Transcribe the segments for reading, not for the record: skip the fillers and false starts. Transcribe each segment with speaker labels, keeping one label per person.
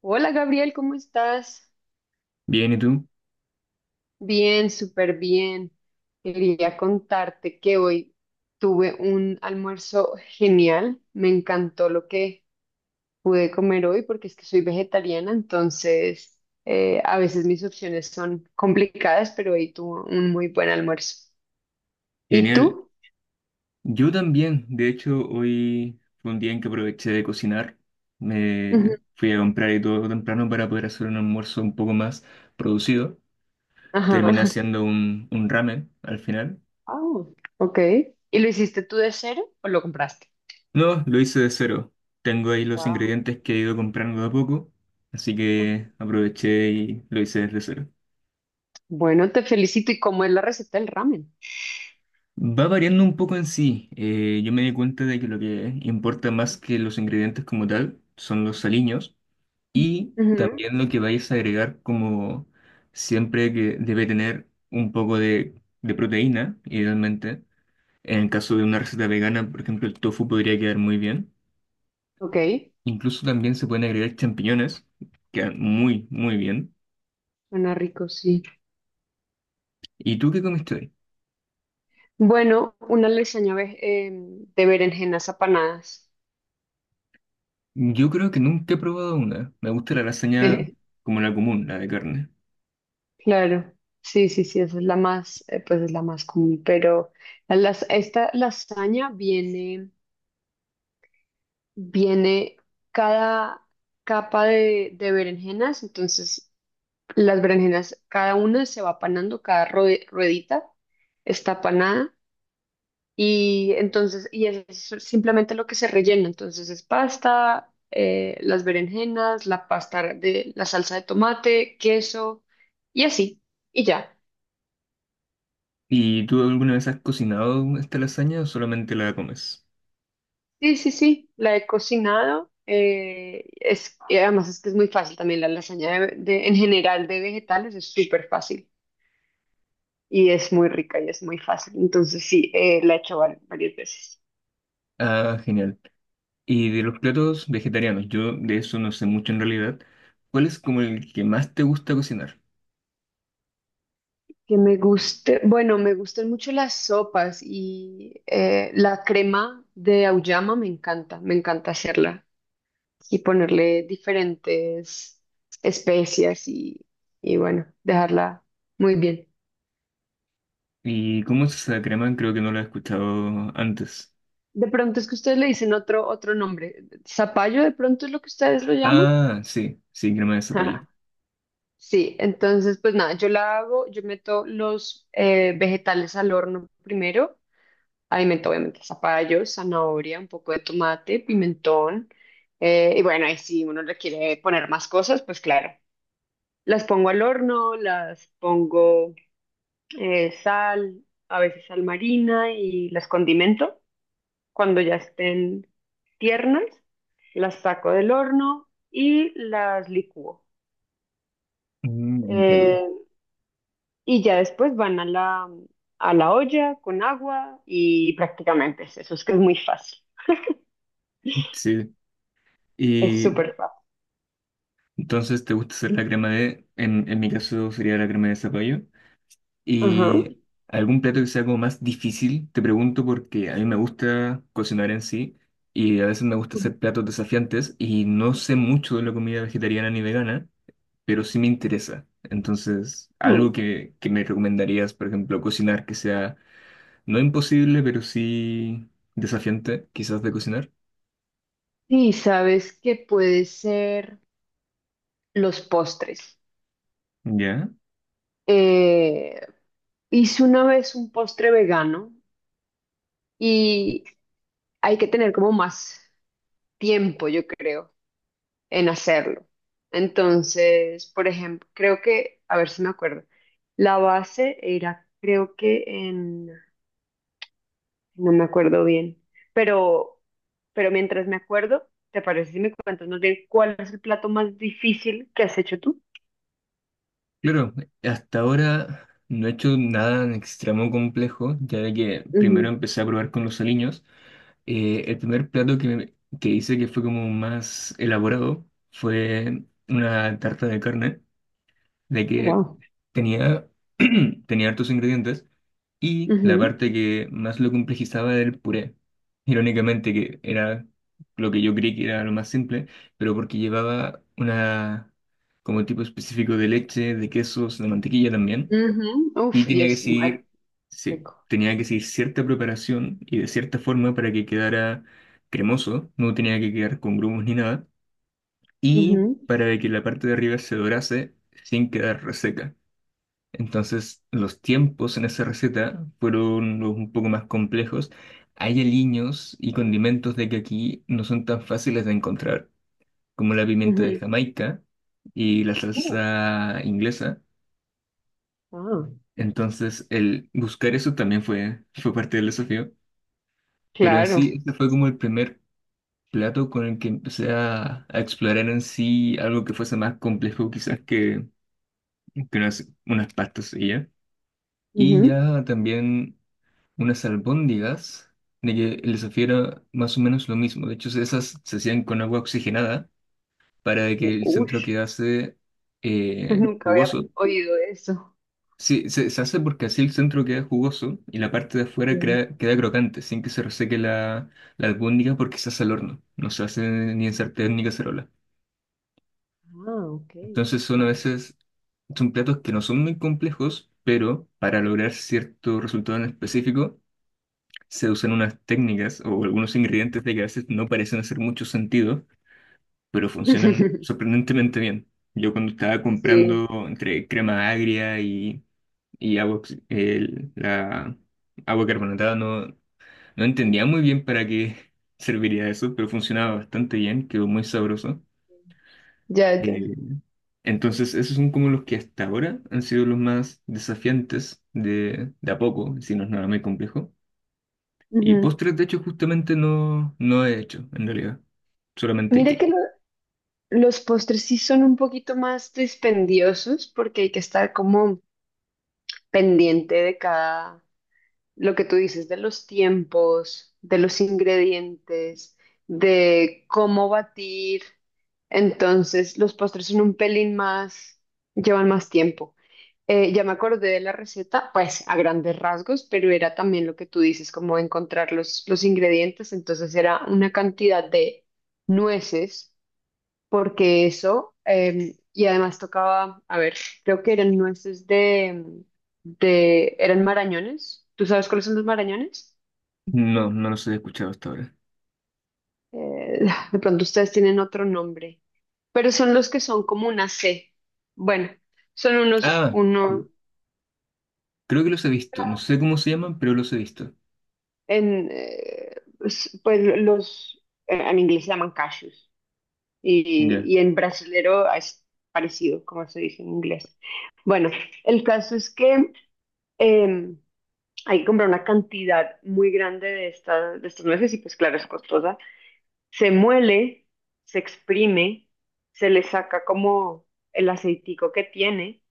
Speaker 1: Hola Gabriel, ¿cómo estás?
Speaker 2: Bien, ¿y tú?
Speaker 1: Bien, súper bien. Quería contarte que hoy tuve un almuerzo genial. Me encantó lo que pude comer hoy porque es que soy vegetariana, entonces a veces mis opciones son complicadas, pero hoy tuve un muy buen almuerzo. ¿Y
Speaker 2: Genial.
Speaker 1: tú?
Speaker 2: Yo también, de hecho, hoy fue un día en que aproveché de cocinar.
Speaker 1: Ujú.
Speaker 2: Me fui a comprar y todo temprano para poder hacer un almuerzo un poco más producido.
Speaker 1: Ajá.
Speaker 2: Terminé haciendo un ramen al final.
Speaker 1: Ah, ok. ¿Y lo hiciste tú de cero o lo compraste?
Speaker 2: No, lo hice de cero. Tengo ahí los
Speaker 1: Wow.
Speaker 2: ingredientes que he ido comprando de a poco, así que aproveché y lo hice desde cero.
Speaker 1: Bueno, te felicito. ¿Y cómo es la receta del ramen?
Speaker 2: Va variando un poco en sí. Yo me di cuenta de que lo que importa más que los ingredientes como tal son los aliños. Y
Speaker 1: Ujú.
Speaker 2: también lo que vais a agregar como siempre que debe tener un poco de proteína, idealmente. En el caso de una receta vegana, por ejemplo, el tofu podría quedar muy bien.
Speaker 1: Ok.
Speaker 2: Incluso también se pueden agregar champiñones, quedan muy, muy bien.
Speaker 1: Suena rico, sí.
Speaker 2: ¿Y tú qué comiste hoy?
Speaker 1: Bueno, una de berenjenas apanadas.
Speaker 2: Yo creo que nunca he probado una. Me gusta la lasaña como la común, la de carne.
Speaker 1: Claro, sí, sí, sí, esa es la más, pues es la más común, pero esta lasaña viene, viene cada capa de berenjenas, entonces las berenjenas, cada una se va panando, cada ruedita está panada. Y entonces, y es simplemente lo que se rellena. Entonces es pasta, las berenjenas, la pasta de la salsa de tomate, queso y así. Y ya.
Speaker 2: ¿Y tú alguna vez has cocinado esta lasaña o solamente la comes?
Speaker 1: Sí, sí, sí, la he cocinado. Es, y además es que es muy fácil también la lasaña en general de vegetales es súper fácil y es muy rica y es muy fácil. Entonces sí, la he hecho varias veces.
Speaker 2: Ah, genial. Y de los platos vegetarianos, yo de eso no sé mucho en realidad. ¿Cuál es como el que más te gusta cocinar?
Speaker 1: Que me guste, bueno, me gustan mucho las sopas y la crema de auyama me encanta hacerla y ponerle diferentes especias y bueno, dejarla muy bien.
Speaker 2: ¿Y cómo es esa crema? Creo que no la he escuchado antes.
Speaker 1: De pronto es que ustedes le dicen otro, otro nombre, zapallo de pronto es lo que ustedes lo llaman.
Speaker 2: Ah, sí, sí, crema de zapallo.
Speaker 1: Ajá. Sí, entonces pues nada, yo la hago, yo meto los vegetales al horno primero. Alimento, obviamente, zapallo, zanahoria, un poco de tomate, pimentón. Y bueno, ahí si uno le quiere poner más cosas, pues claro. Las pongo al horno, las pongo sal, a veces sal marina y las condimento. Cuando ya estén tiernas, las saco del horno y las licúo.
Speaker 2: Mm, entiendo.
Speaker 1: Eh, y ya después van a a la olla con agua y prácticamente es eso, es que es muy fácil.
Speaker 2: Sí.
Speaker 1: Es
Speaker 2: Y
Speaker 1: súper fácil.
Speaker 2: entonces te gusta hacer la crema de, en mi caso sería la crema de zapallo.
Speaker 1: Ajá.
Speaker 2: ¿Y algún plato que sea como más difícil? Te pregunto porque a mí me gusta cocinar en sí y a veces me gusta
Speaker 1: Ujú.
Speaker 2: hacer platos desafiantes y no sé mucho de la comida vegetariana ni vegana, pero sí me interesa. Entonces, algo
Speaker 1: Mm.
Speaker 2: que me recomendarías, por ejemplo, cocinar que sea no imposible, pero sí desafiante, quizás de cocinar.
Speaker 1: Sí, sabes que puede ser los postres.
Speaker 2: Ya.
Speaker 1: Eh, Hice una vez un postre vegano y hay que tener como más tiempo, yo creo, en hacerlo. Entonces, por ejemplo, creo que, a ver si me acuerdo, la base era, creo que en, no me acuerdo bien, pero, pero mientras me acuerdo, ¿te parece si me cuentas más bien cuál es el plato más difícil que has hecho tú?
Speaker 2: Claro, hasta ahora no he hecho nada en extremo complejo, ya de que primero
Speaker 1: Ujú.
Speaker 2: empecé a probar con los aliños. El primer plato que, que hice que fue como más elaborado fue una tarta de carne, de
Speaker 1: Oh,
Speaker 2: que
Speaker 1: wow.
Speaker 2: tenía, tenía hartos ingredientes y la
Speaker 1: Ujú,
Speaker 2: parte que más lo complejizaba era el puré. Irónicamente, que era lo que yo creí que era lo más simple, pero porque llevaba una, como tipo específico de leche, de quesos, de mantequilla también,
Speaker 1: ujú. Uf,
Speaker 2: y
Speaker 1: y
Speaker 2: tenía que
Speaker 1: es mal
Speaker 2: seguir, sí,
Speaker 1: rico.
Speaker 2: tenía que seguir cierta preparación y de cierta forma para que quedara cremoso, no tenía que quedar con grumos ni nada, y
Speaker 1: Ujú,
Speaker 2: para que la parte de arriba se dorase sin quedar reseca. Entonces, los tiempos en esa receta fueron los un poco más complejos. Hay aliños y condimentos de que aquí no son tan fáciles de encontrar, como la pimienta de
Speaker 1: ujú.
Speaker 2: Jamaica y la
Speaker 1: Oh,
Speaker 2: salsa inglesa.
Speaker 1: ah,
Speaker 2: Entonces, el buscar eso también fue, fue parte del desafío. Pero en
Speaker 1: claro.
Speaker 2: sí, este fue como el primer plato con el que empecé a explorar en sí algo que fuese más complejo quizás que unas pastas y ya. Y
Speaker 1: Ujú.
Speaker 2: ya también unas albóndigas de que les supiera más o menos lo mismo. De hecho, esas se hacían con agua oxigenada para que
Speaker 1: U-
Speaker 2: el centro
Speaker 1: Ush,
Speaker 2: quedase
Speaker 1: nunca había
Speaker 2: jugoso.
Speaker 1: oído eso.
Speaker 2: Sí, se hace porque así el centro queda jugoso y la parte de afuera
Speaker 1: Sí.
Speaker 2: queda crocante, sin que se reseque la, la albóndiga porque se hace al horno. No se hace ni en sartén ni cacerola.
Speaker 1: Ah, ok.
Speaker 2: Entonces son a
Speaker 1: Wow.
Speaker 2: veces, son platos que no son muy complejos, pero para lograr cierto resultado en específico, se usan unas técnicas o algunos ingredientes de que a veces no parecen hacer mucho sentido, pero funcionan sorprendentemente bien. Yo cuando estaba comprando
Speaker 1: Sí,
Speaker 2: entre crema agria y agua, la agua carbonatada, no, no entendía muy bien para qué serviría eso, pero funcionaba bastante bien, quedó muy sabroso.
Speaker 1: ya, ya.
Speaker 2: Eh, entonces, esos son como los que hasta ahora han sido los más desafiantes de a poco, si no es nada muy complejo. Y
Speaker 1: Ujú.
Speaker 2: postres, de hecho, justamente no, no he hecho, en realidad. Solamente
Speaker 1: Mira que
Speaker 2: queque.
Speaker 1: los postres sí son un poquito más dispendiosos porque hay que estar como pendiente de cada. Lo que tú dices de los tiempos, de los ingredientes, de cómo batir. Entonces, los postres son un pelín más, llevan más tiempo. Ya me acordé de la receta, pues a grandes rasgos, pero era también lo que tú dices, como encontrar los ingredientes. Entonces, era una cantidad de nueces porque eso, y además tocaba, a ver, creo que eran nueces eran marañones. ¿Tú sabes cuáles son los marañones?
Speaker 2: No, no los he escuchado hasta ahora.
Speaker 1: Eh, de pronto ustedes tienen otro nombre, pero son los que son como una C. Bueno, son unos,
Speaker 2: Ah,
Speaker 1: uno,
Speaker 2: creo que los he visto. No sé cómo se llaman, pero los he visto.
Speaker 1: en, pues pues, los, en inglés se llaman cashews
Speaker 2: Ya.
Speaker 1: y en brasilero es parecido, como se dice en inglés. Bueno, el caso es que em, hay que comprar una cantidad muy grande estas de estos nueces y pues claro, es costosa. Se muele, se exprime, se le saca como el aceitico que tiene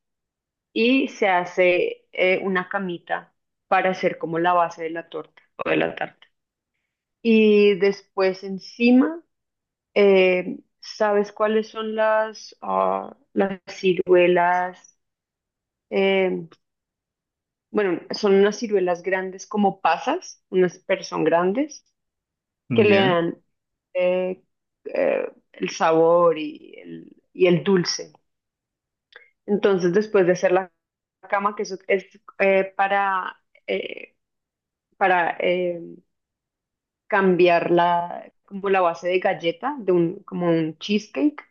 Speaker 1: y se hace una camita para hacer como la base de la torta o de la tarta. Y después encima, ¿sabes cuáles son las, ah, las ciruelas? Eh, bueno, son unas ciruelas grandes como pasas, unas pero son grandes que le
Speaker 2: Ya.
Speaker 1: dan eh, el sabor y el dulce. Entonces, después de hacer la cama, que eso es eh, para, eh, para cambiar la, como la base de galleta, de un, como un cheesecake,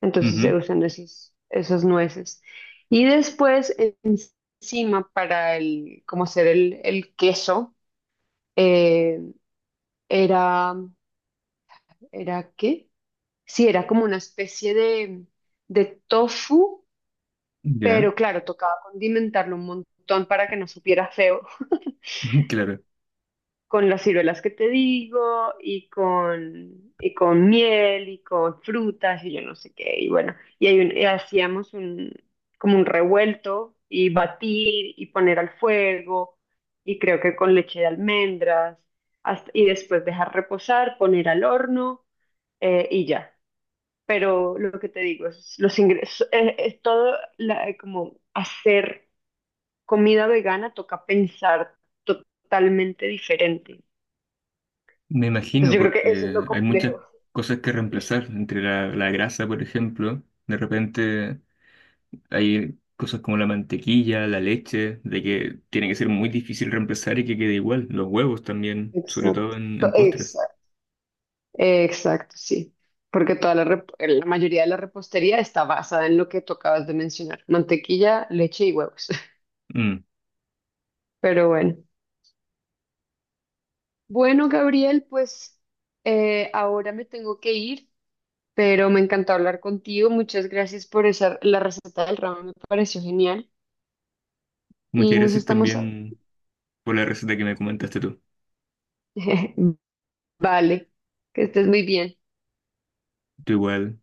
Speaker 1: entonces se
Speaker 2: Ujú.
Speaker 1: usan esos, esos nueces. Y después, encima, para el, como hacer el queso, eh, era, ¿era qué? Sí, era como una especie de tofu,
Speaker 2: Ya.
Speaker 1: pero claro, tocaba condimentarlo un montón para que no supiera feo,
Speaker 2: Claro.
Speaker 1: con las ciruelas que te digo, y con miel, y con frutas, y yo no sé qué, y bueno, y, y hacíamos un, como un revuelto, y batir, y poner al fuego, y creo que con leche de almendras, y después dejar reposar, poner al horno, y ya. Pero lo que te digo es los ingresos, es como hacer comida vegana toca pensar totalmente diferente.
Speaker 2: Me imagino
Speaker 1: Entonces yo creo que eso es lo
Speaker 2: porque hay muchas
Speaker 1: complejo.
Speaker 2: cosas que reemplazar. Entre la, la grasa, por ejemplo. De repente hay cosas como la mantequilla, la leche, de que tiene que ser muy difícil reemplazar y que quede igual. Los huevos también, sobre todo
Speaker 1: Exacto,
Speaker 2: en postres.
Speaker 1: exacto, exacto, sí. Porque toda la mayoría de la repostería está basada en lo que tú acabas de mencionar, mantequilla, leche y huevos.
Speaker 2: Mm.
Speaker 1: Pero bueno. Bueno, Gabriel, pues ahora me tengo que ir. Pero me encantó hablar contigo. Muchas gracias por esa, la receta del ramen me pareció genial
Speaker 2: Muchas
Speaker 1: y nos
Speaker 2: gracias
Speaker 1: estamos... a-
Speaker 2: también por la receta que me comentaste tú.
Speaker 1: Vale, que estés muy bien.
Speaker 2: Tú igual,